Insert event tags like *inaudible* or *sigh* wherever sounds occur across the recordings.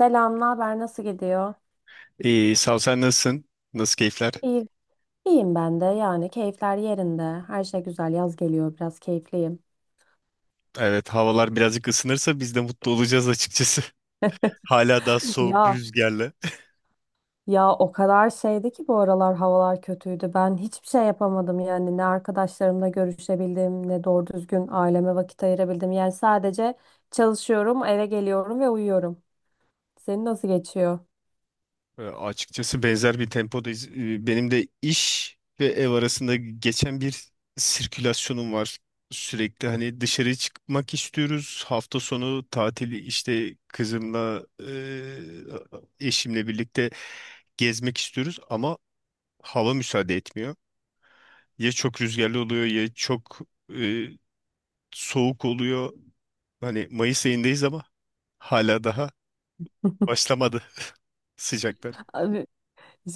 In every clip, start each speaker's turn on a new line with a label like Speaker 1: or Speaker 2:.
Speaker 1: Selam, ne haber? Nasıl gidiyor?
Speaker 2: İyi, sağ ol. Sen nasılsın? Nasıl keyifler?
Speaker 1: İyi. İyiyim ben de. Yani keyifler yerinde. Her şey güzel. Yaz geliyor. Biraz keyifliyim.
Speaker 2: Evet, havalar birazcık ısınırsa biz de mutlu olacağız açıkçası. *laughs* Hala daha
Speaker 1: *laughs*
Speaker 2: soğuk
Speaker 1: Ya
Speaker 2: rüzgarla.
Speaker 1: ya, o kadar şeydi ki bu aralar havalar kötüydü. Ben hiçbir şey yapamadım yani. Ne arkadaşlarımla görüşebildim, ne doğru düzgün aileme vakit ayırabildim. Yani sadece çalışıyorum, eve geliyorum ve uyuyorum. Senin nasıl geçiyor?
Speaker 2: Açıkçası benzer bir tempodayız. Benim de iş ve ev arasında geçen bir sirkülasyonum var. Sürekli hani dışarı çıkmak istiyoruz. Hafta sonu tatili işte kızımla eşimle birlikte gezmek istiyoruz ama hava müsaade etmiyor. Ya çok rüzgarlı oluyor ya çok ee, soğuk oluyor. Hani Mayıs ayındayız ama hala daha başlamadı *laughs* sıcaklar.
Speaker 1: Abi,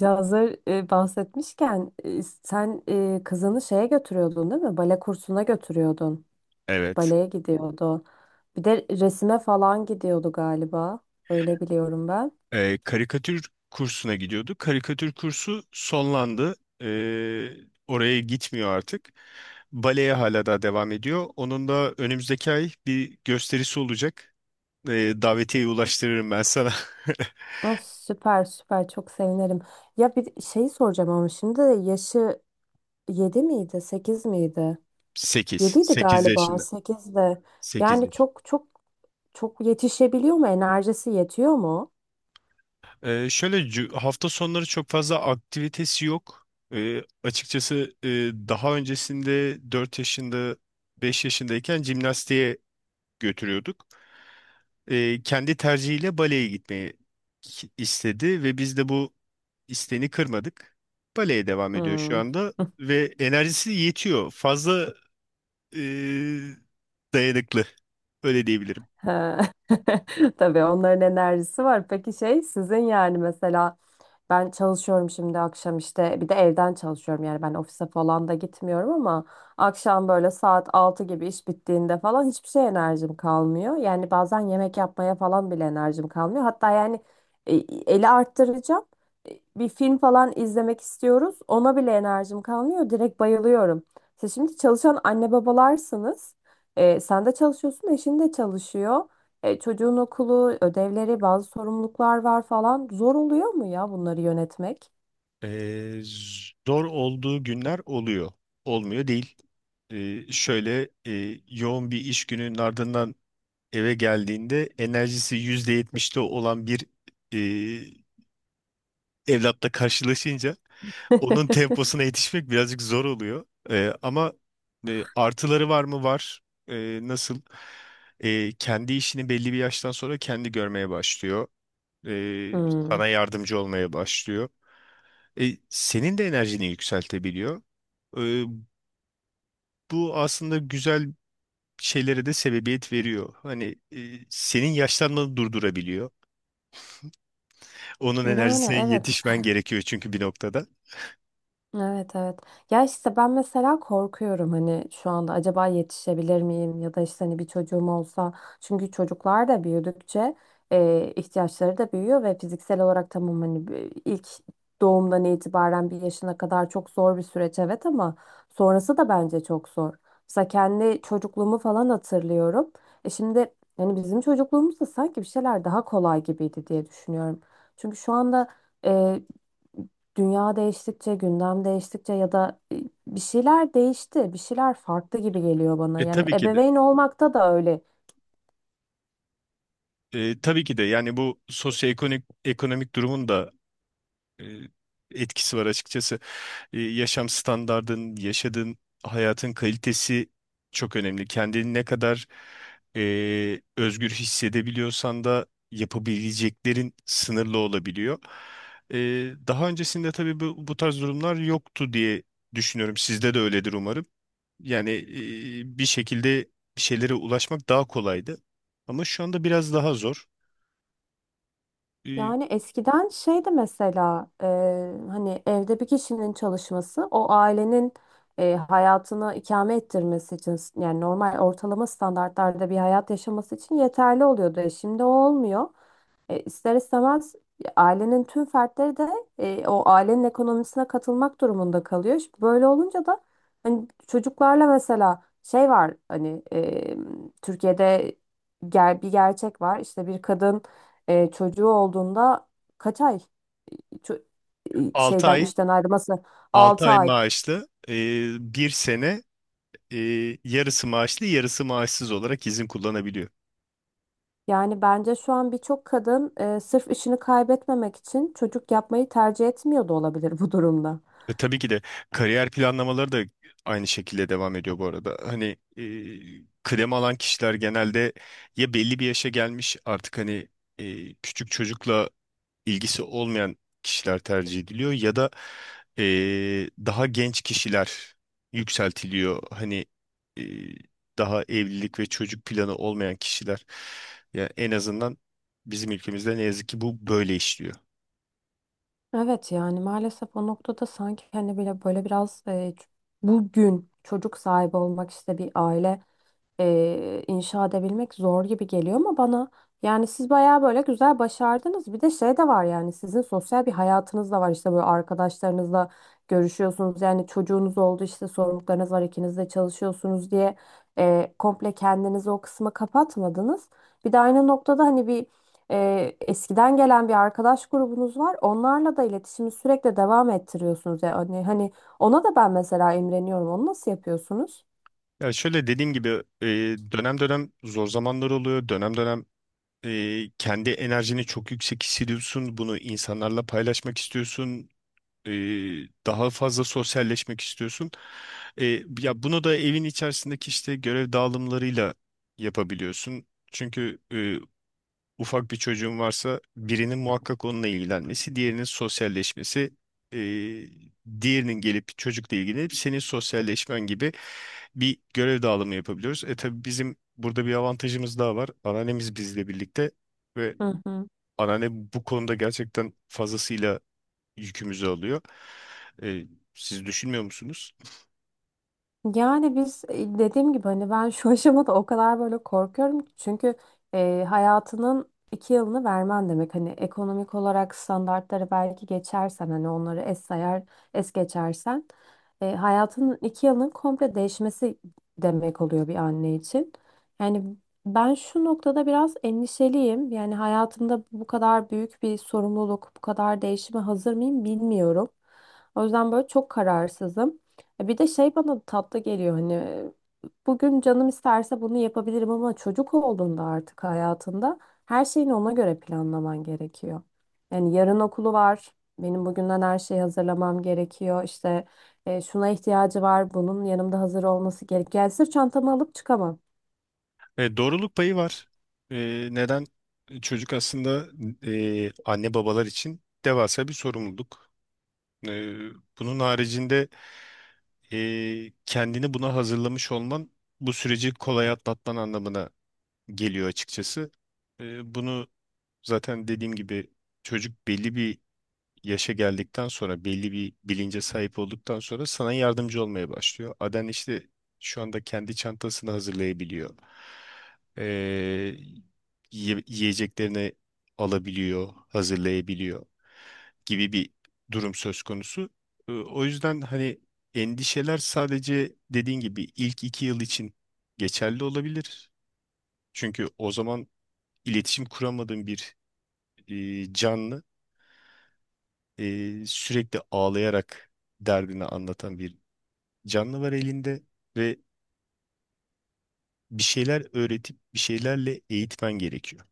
Speaker 1: hazır bahsetmişken sen kızını şeye götürüyordun değil mi? Bale kursuna götürüyordun.
Speaker 2: Evet.
Speaker 1: Baleye gidiyordu. Bir de resime falan gidiyordu galiba. Öyle biliyorum ben.
Speaker 2: Karikatür kursuna gidiyordu. Karikatür kursu sonlandı. Ee, Oraya gitmiyor artık. Baleye hala daha devam ediyor. Onun da önümüzdeki ay bir gösterisi olacak. Davetiyeyi ulaştırırım ben sana.
Speaker 1: Ah, süper süper çok sevinirim. Ya bir şey soracağım ama şimdi de yaşı 7 miydi, sekiz miydi?
Speaker 2: *laughs* 8,
Speaker 1: Yediydi
Speaker 2: 8
Speaker 1: galiba
Speaker 2: yaşında.
Speaker 1: 8'de.
Speaker 2: Sekiz.
Speaker 1: Yani çok çok çok yetişebiliyor mu? Enerjisi yetiyor mu?
Speaker 2: Hafta sonları çok fazla aktivitesi yok. Ee, açıkçası e, Daha öncesinde 4 yaşında 5 yaşındayken jimnastiğe götürüyorduk. Kendi tercihiyle baleye gitmeyi istedi ve biz de bu isteğini kırmadık. Baleye devam ediyor şu
Speaker 1: Hmm.
Speaker 2: anda ve enerjisi yetiyor. Fazla e, dayanıklı öyle diyebilirim.
Speaker 1: He. *laughs* Tabii onların enerjisi var. Peki şey sizin yani mesela ben çalışıyorum şimdi akşam işte bir de evden çalışıyorum yani ben ofise falan da gitmiyorum ama akşam böyle saat 6 gibi iş bittiğinde falan hiçbir şey enerjim kalmıyor. Yani bazen yemek yapmaya falan bile enerjim kalmıyor. Hatta yani e, eli arttıracağım. Bir film falan izlemek istiyoruz. Ona bile enerjim kalmıyor. Direkt bayılıyorum. Siz şimdi çalışan anne babalarsınız. E, sen de çalışıyorsun, eşin de çalışıyor. E, çocuğun okulu, ödevleri, bazı sorumluluklar var falan. Zor oluyor mu ya bunları yönetmek?
Speaker 2: Ee, Zor olduğu günler oluyor. Olmuyor değil. Yoğun bir iş gününün ardından eve geldiğinde enerjisi %70'te olan bir e, evlatla karşılaşınca onun temposuna
Speaker 1: *laughs*
Speaker 2: yetişmek birazcık zor oluyor. Artıları var mı? Var. Nasıl? Kendi işini belli bir yaştan sonra kendi görmeye başlıyor. Ee,
Speaker 1: Hmm.
Speaker 2: Sana yardımcı olmaya başlıyor. Senin de enerjini yükseltebiliyor. E, Bu aslında güzel şeylere de sebebiyet veriyor. Hani senin yaşlanmanı durdurabiliyor. Onun
Speaker 1: Yani
Speaker 2: enerjisine
Speaker 1: evet.
Speaker 2: yetişmen gerekiyor çünkü bir noktada.
Speaker 1: Evet, evet. Ya işte ben mesela korkuyorum hani şu anda acaba yetişebilir miyim ya da işte hani bir çocuğum olsa. Çünkü çocuklar da büyüdükçe ihtiyaçları da büyüyor ve fiziksel olarak tamam hani ilk doğumdan itibaren bir yaşına kadar çok zor bir süreç evet ama sonrası da bence çok zor. Mesela kendi çocukluğumu falan hatırlıyorum. E şimdi hani bizim çocukluğumuzda sanki bir şeyler daha kolay gibiydi diye düşünüyorum. Çünkü şu anda e, dünya değiştikçe, gündem değiştikçe ya da bir şeyler değişti, bir şeyler farklı gibi geliyor bana.
Speaker 2: E
Speaker 1: Yani
Speaker 2: tabii ki de.
Speaker 1: ebeveyn olmakta da öyle.
Speaker 2: Tabii ki de, yani bu ekonomik durumun da e, etkisi var açıkçası. E, yaşam standardın, yaşadığın hayatın kalitesi çok önemli. Kendini ne kadar özgür hissedebiliyorsan da yapabileceklerin sınırlı olabiliyor. E, Daha öncesinde tabii bu tarz durumlar yoktu diye düşünüyorum. Sizde de öyledir umarım. Yani bir şekilde bir şeylere ulaşmak daha kolaydı. Ama şu anda biraz daha zor. E,
Speaker 1: Yani eskiden şeydi mesela hani evde bir kişinin çalışması o ailenin hayatını ikame ettirmesi için yani normal ortalama standartlarda bir hayat yaşaması için yeterli oluyordu. E, şimdi o olmuyor. E, ister istemez ailenin tüm fertleri de o ailenin ekonomisine katılmak durumunda kalıyor. Şimdi böyle olunca da hani çocuklarla mesela şey var hani Türkiye'de bir gerçek var. İşte bir kadın çocuğu olduğunda kaç ay ço-
Speaker 2: 6 ay,
Speaker 1: işten ayrılması.
Speaker 2: 6
Speaker 1: 6
Speaker 2: ay
Speaker 1: ay.
Speaker 2: maaşlı, 1 sene e, yarısı maaşlı yarısı maaşsız olarak izin kullanabiliyor.
Speaker 1: Yani bence şu an birçok kadın sırf işini kaybetmemek için çocuk yapmayı tercih etmiyor da olabilir bu durumda.
Speaker 2: Tabii ki de kariyer planlamaları da aynı şekilde devam ediyor bu arada. Hani kıdem alan kişiler genelde ya belli bir yaşa gelmiş, artık hani küçük çocukla ilgisi olmayan kişiler tercih ediliyor ya da e, daha genç kişiler yükseltiliyor. Hani e, daha evlilik ve çocuk planı olmayan kişiler. Ya en azından bizim ülkemizde ne yazık ki bu böyle işliyor.
Speaker 1: Evet yani maalesef o noktada sanki hani böyle biraz bugün çocuk sahibi olmak işte bir aile inşa edebilmek zor gibi geliyor ama bana yani siz bayağı böyle güzel başardınız. Bir de şey de var yani sizin sosyal bir hayatınız da var işte böyle arkadaşlarınızla görüşüyorsunuz. Yani çocuğunuz oldu işte sorumluluklarınız var ikiniz de çalışıyorsunuz diye komple kendinizi o kısma kapatmadınız. Bir de aynı noktada hani bir eskiden gelen bir arkadaş grubunuz var. Onlarla da iletişimi sürekli devam ettiriyorsunuz. Yani hani ona da ben mesela imreniyorum. Onu nasıl yapıyorsunuz?
Speaker 2: Ya şöyle dediğim gibi e, dönem dönem zor zamanlar oluyor. Dönem dönem kendi enerjini çok yüksek hissediyorsun. Bunu insanlarla paylaşmak istiyorsun. E, Daha fazla sosyalleşmek istiyorsun. E, ya bunu da evin içerisindeki işte görev dağılımlarıyla yapabiliyorsun. Çünkü ufak bir çocuğun varsa birinin muhakkak onunla ilgilenmesi, diğerinin sosyalleşmesi, eee, diğerinin gelip çocukla ilgilenip senin sosyalleşmen gibi bir görev dağılımı yapabiliyoruz. E tabii bizim burada bir avantajımız daha var. Anneannemiz bizle birlikte ve
Speaker 1: Hı hı.
Speaker 2: anneanne bu konuda gerçekten fazlasıyla yükümüzü alıyor. E, Siz düşünmüyor musunuz?
Speaker 1: Yani biz dediğim gibi hani ben şu aşamada o kadar böyle korkuyorum ki çünkü hayatının iki yılını vermen demek hani ekonomik olarak standartları belki geçersen hani onları es sayar es geçersen hayatının 2 yılının komple değişmesi demek oluyor bir anne için. Yani ben şu noktada biraz endişeliyim yani hayatımda bu kadar büyük bir sorumluluk bu kadar değişime hazır mıyım bilmiyorum. O yüzden böyle çok kararsızım. E, bir de şey bana tatlı geliyor hani bugün canım isterse bunu yapabilirim ama çocuk olduğunda artık hayatında her şeyini ona göre planlaman gerekiyor. Yani yarın okulu var. Benim bugünden her şeyi hazırlamam gerekiyor. İşte şuna ihtiyacı var. Bunun yanımda hazır olması gerekiyor. Yani sırf çantamı alıp çıkamam.
Speaker 2: Doğruluk payı var. E, Neden? Çocuk aslında anne babalar için devasa bir sorumluluk. Ee, Bunun haricinde kendini buna hazırlamış olman bu süreci kolay atlatman anlamına geliyor açıkçası. Bunu zaten dediğim gibi çocuk belli bir yaşa geldikten sonra belli bir bilince sahip olduktan sonra sana yardımcı olmaya başlıyor. Aden işte şu anda kendi çantasını hazırlayabiliyor. Ee, Yiyeceklerini alabiliyor, hazırlayabiliyor gibi bir durum söz konusu. O yüzden hani endişeler sadece dediğin gibi ilk iki yıl için geçerli olabilir. Çünkü o zaman iletişim kuramadığın bir canlı, sürekli ağlayarak derdini anlatan bir canlı var elinde ve bir şeyler öğretip bir şeylerle eğitmen gerekiyor.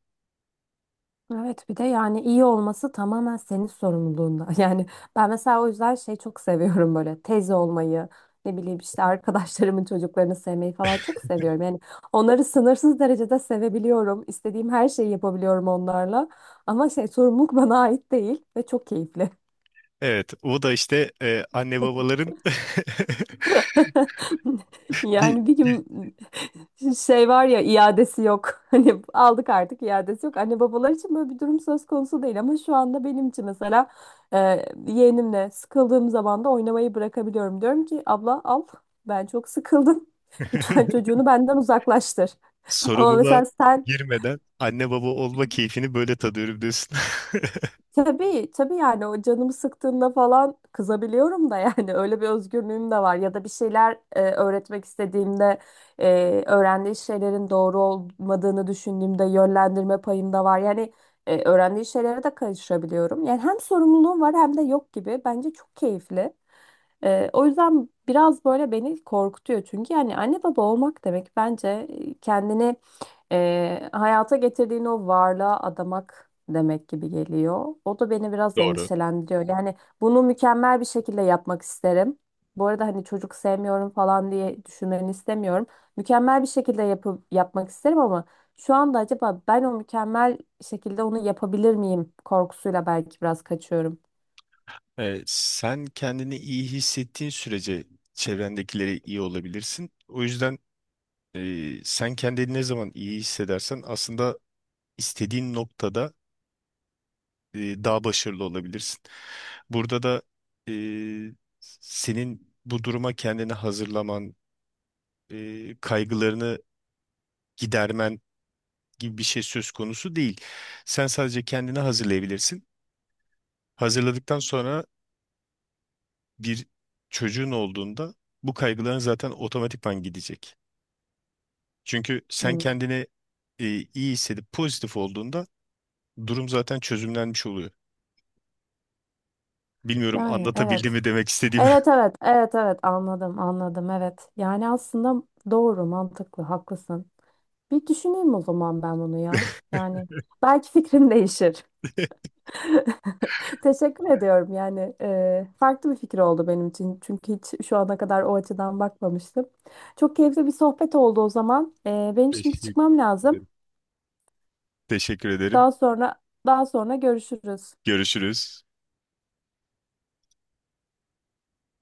Speaker 1: Evet bir de yani iyi olması tamamen senin sorumluluğunda. *laughs* Yani ben mesela o yüzden şey çok seviyorum böyle teyze olmayı, ne bileyim işte arkadaşlarımın çocuklarını sevmeyi falan çok seviyorum. Yani onları sınırsız derecede sevebiliyorum. İstediğim her şeyi yapabiliyorum onlarla. Ama şey sorumluluk bana ait değil ve çok keyifli.
Speaker 2: Evet, o da işte anne babaların
Speaker 1: *laughs*
Speaker 2: *laughs*
Speaker 1: Yani bir
Speaker 2: bir
Speaker 1: gün şey var ya iadesi yok. *laughs* Hani aldık artık iadesi yok. Anne babalar için böyle bir durum söz konusu değil ama şu anda benim için mesela e, yeğenimle sıkıldığım zaman da oynamayı bırakabiliyorum. Diyorum ki abla al ben çok sıkıldım. *laughs* Lütfen
Speaker 2: *laughs*
Speaker 1: çocuğunu benden uzaklaştır. Ama
Speaker 2: sorumluluğa
Speaker 1: mesela sen.
Speaker 2: girmeden anne baba olma keyfini böyle tadıyorum diyorsun. *laughs*
Speaker 1: Tabii, tabii yani o canımı sıktığında falan kızabiliyorum da yani *laughs* öyle bir özgürlüğüm de var. Ya da bir şeyler öğretmek istediğimde öğrendiği şeylerin doğru olmadığını düşündüğümde yönlendirme payım da var. Yani öğrendiği şeylere de karışabiliyorum. Yani hem sorumluluğum var hem de yok gibi. Bence çok keyifli. E, o yüzden biraz böyle beni korkutuyor çünkü yani anne baba olmak demek bence kendini hayata getirdiğin o varlığa adamak demek gibi geliyor. O da beni biraz
Speaker 2: Doğru.
Speaker 1: endişelendiriyor. Yani bunu mükemmel bir şekilde yapmak isterim. Bu arada hani çocuk sevmiyorum falan diye düşünmeni istemiyorum. Mükemmel bir şekilde yapıp yapmak isterim ama şu anda acaba ben o mükemmel şekilde onu yapabilir miyim korkusuyla belki biraz kaçıyorum.
Speaker 2: Sen kendini iyi hissettiğin sürece çevrendekilere iyi olabilirsin. O yüzden e, sen kendini ne zaman iyi hissedersen aslında istediğin noktada daha başarılı olabilirsin. Burada da e, senin bu duruma kendini hazırlaman, kaygılarını gidermen gibi bir şey söz konusu değil. Sen sadece kendini hazırlayabilirsin. Hazırladıktan sonra bir çocuğun olduğunda bu kaygıların zaten otomatikman gidecek. Çünkü sen
Speaker 1: Hmm.
Speaker 2: kendini e, iyi hissedip pozitif olduğunda durum zaten çözümlenmiş oluyor. Bilmiyorum
Speaker 1: Yani evet.
Speaker 2: anlatabildim mi demek istediğimi.
Speaker 1: Evet, evet, evet, evet, anladım, anladım, evet. Yani aslında doğru mantıklı haklısın. Bir düşüneyim o zaman ben bunu ya. Yani belki fikrim değişir.
Speaker 2: *laughs*
Speaker 1: *laughs* Teşekkür ediyorum yani farklı bir fikir oldu benim için. Çünkü hiç şu ana kadar o açıdan bakmamıştım. Çok keyifli bir sohbet oldu o zaman. E, benim şimdi
Speaker 2: Teşekkür
Speaker 1: çıkmam lazım.
Speaker 2: ederim. Teşekkür ederim.
Speaker 1: Daha sonra daha sonra görüşürüz.
Speaker 2: Görüşürüz.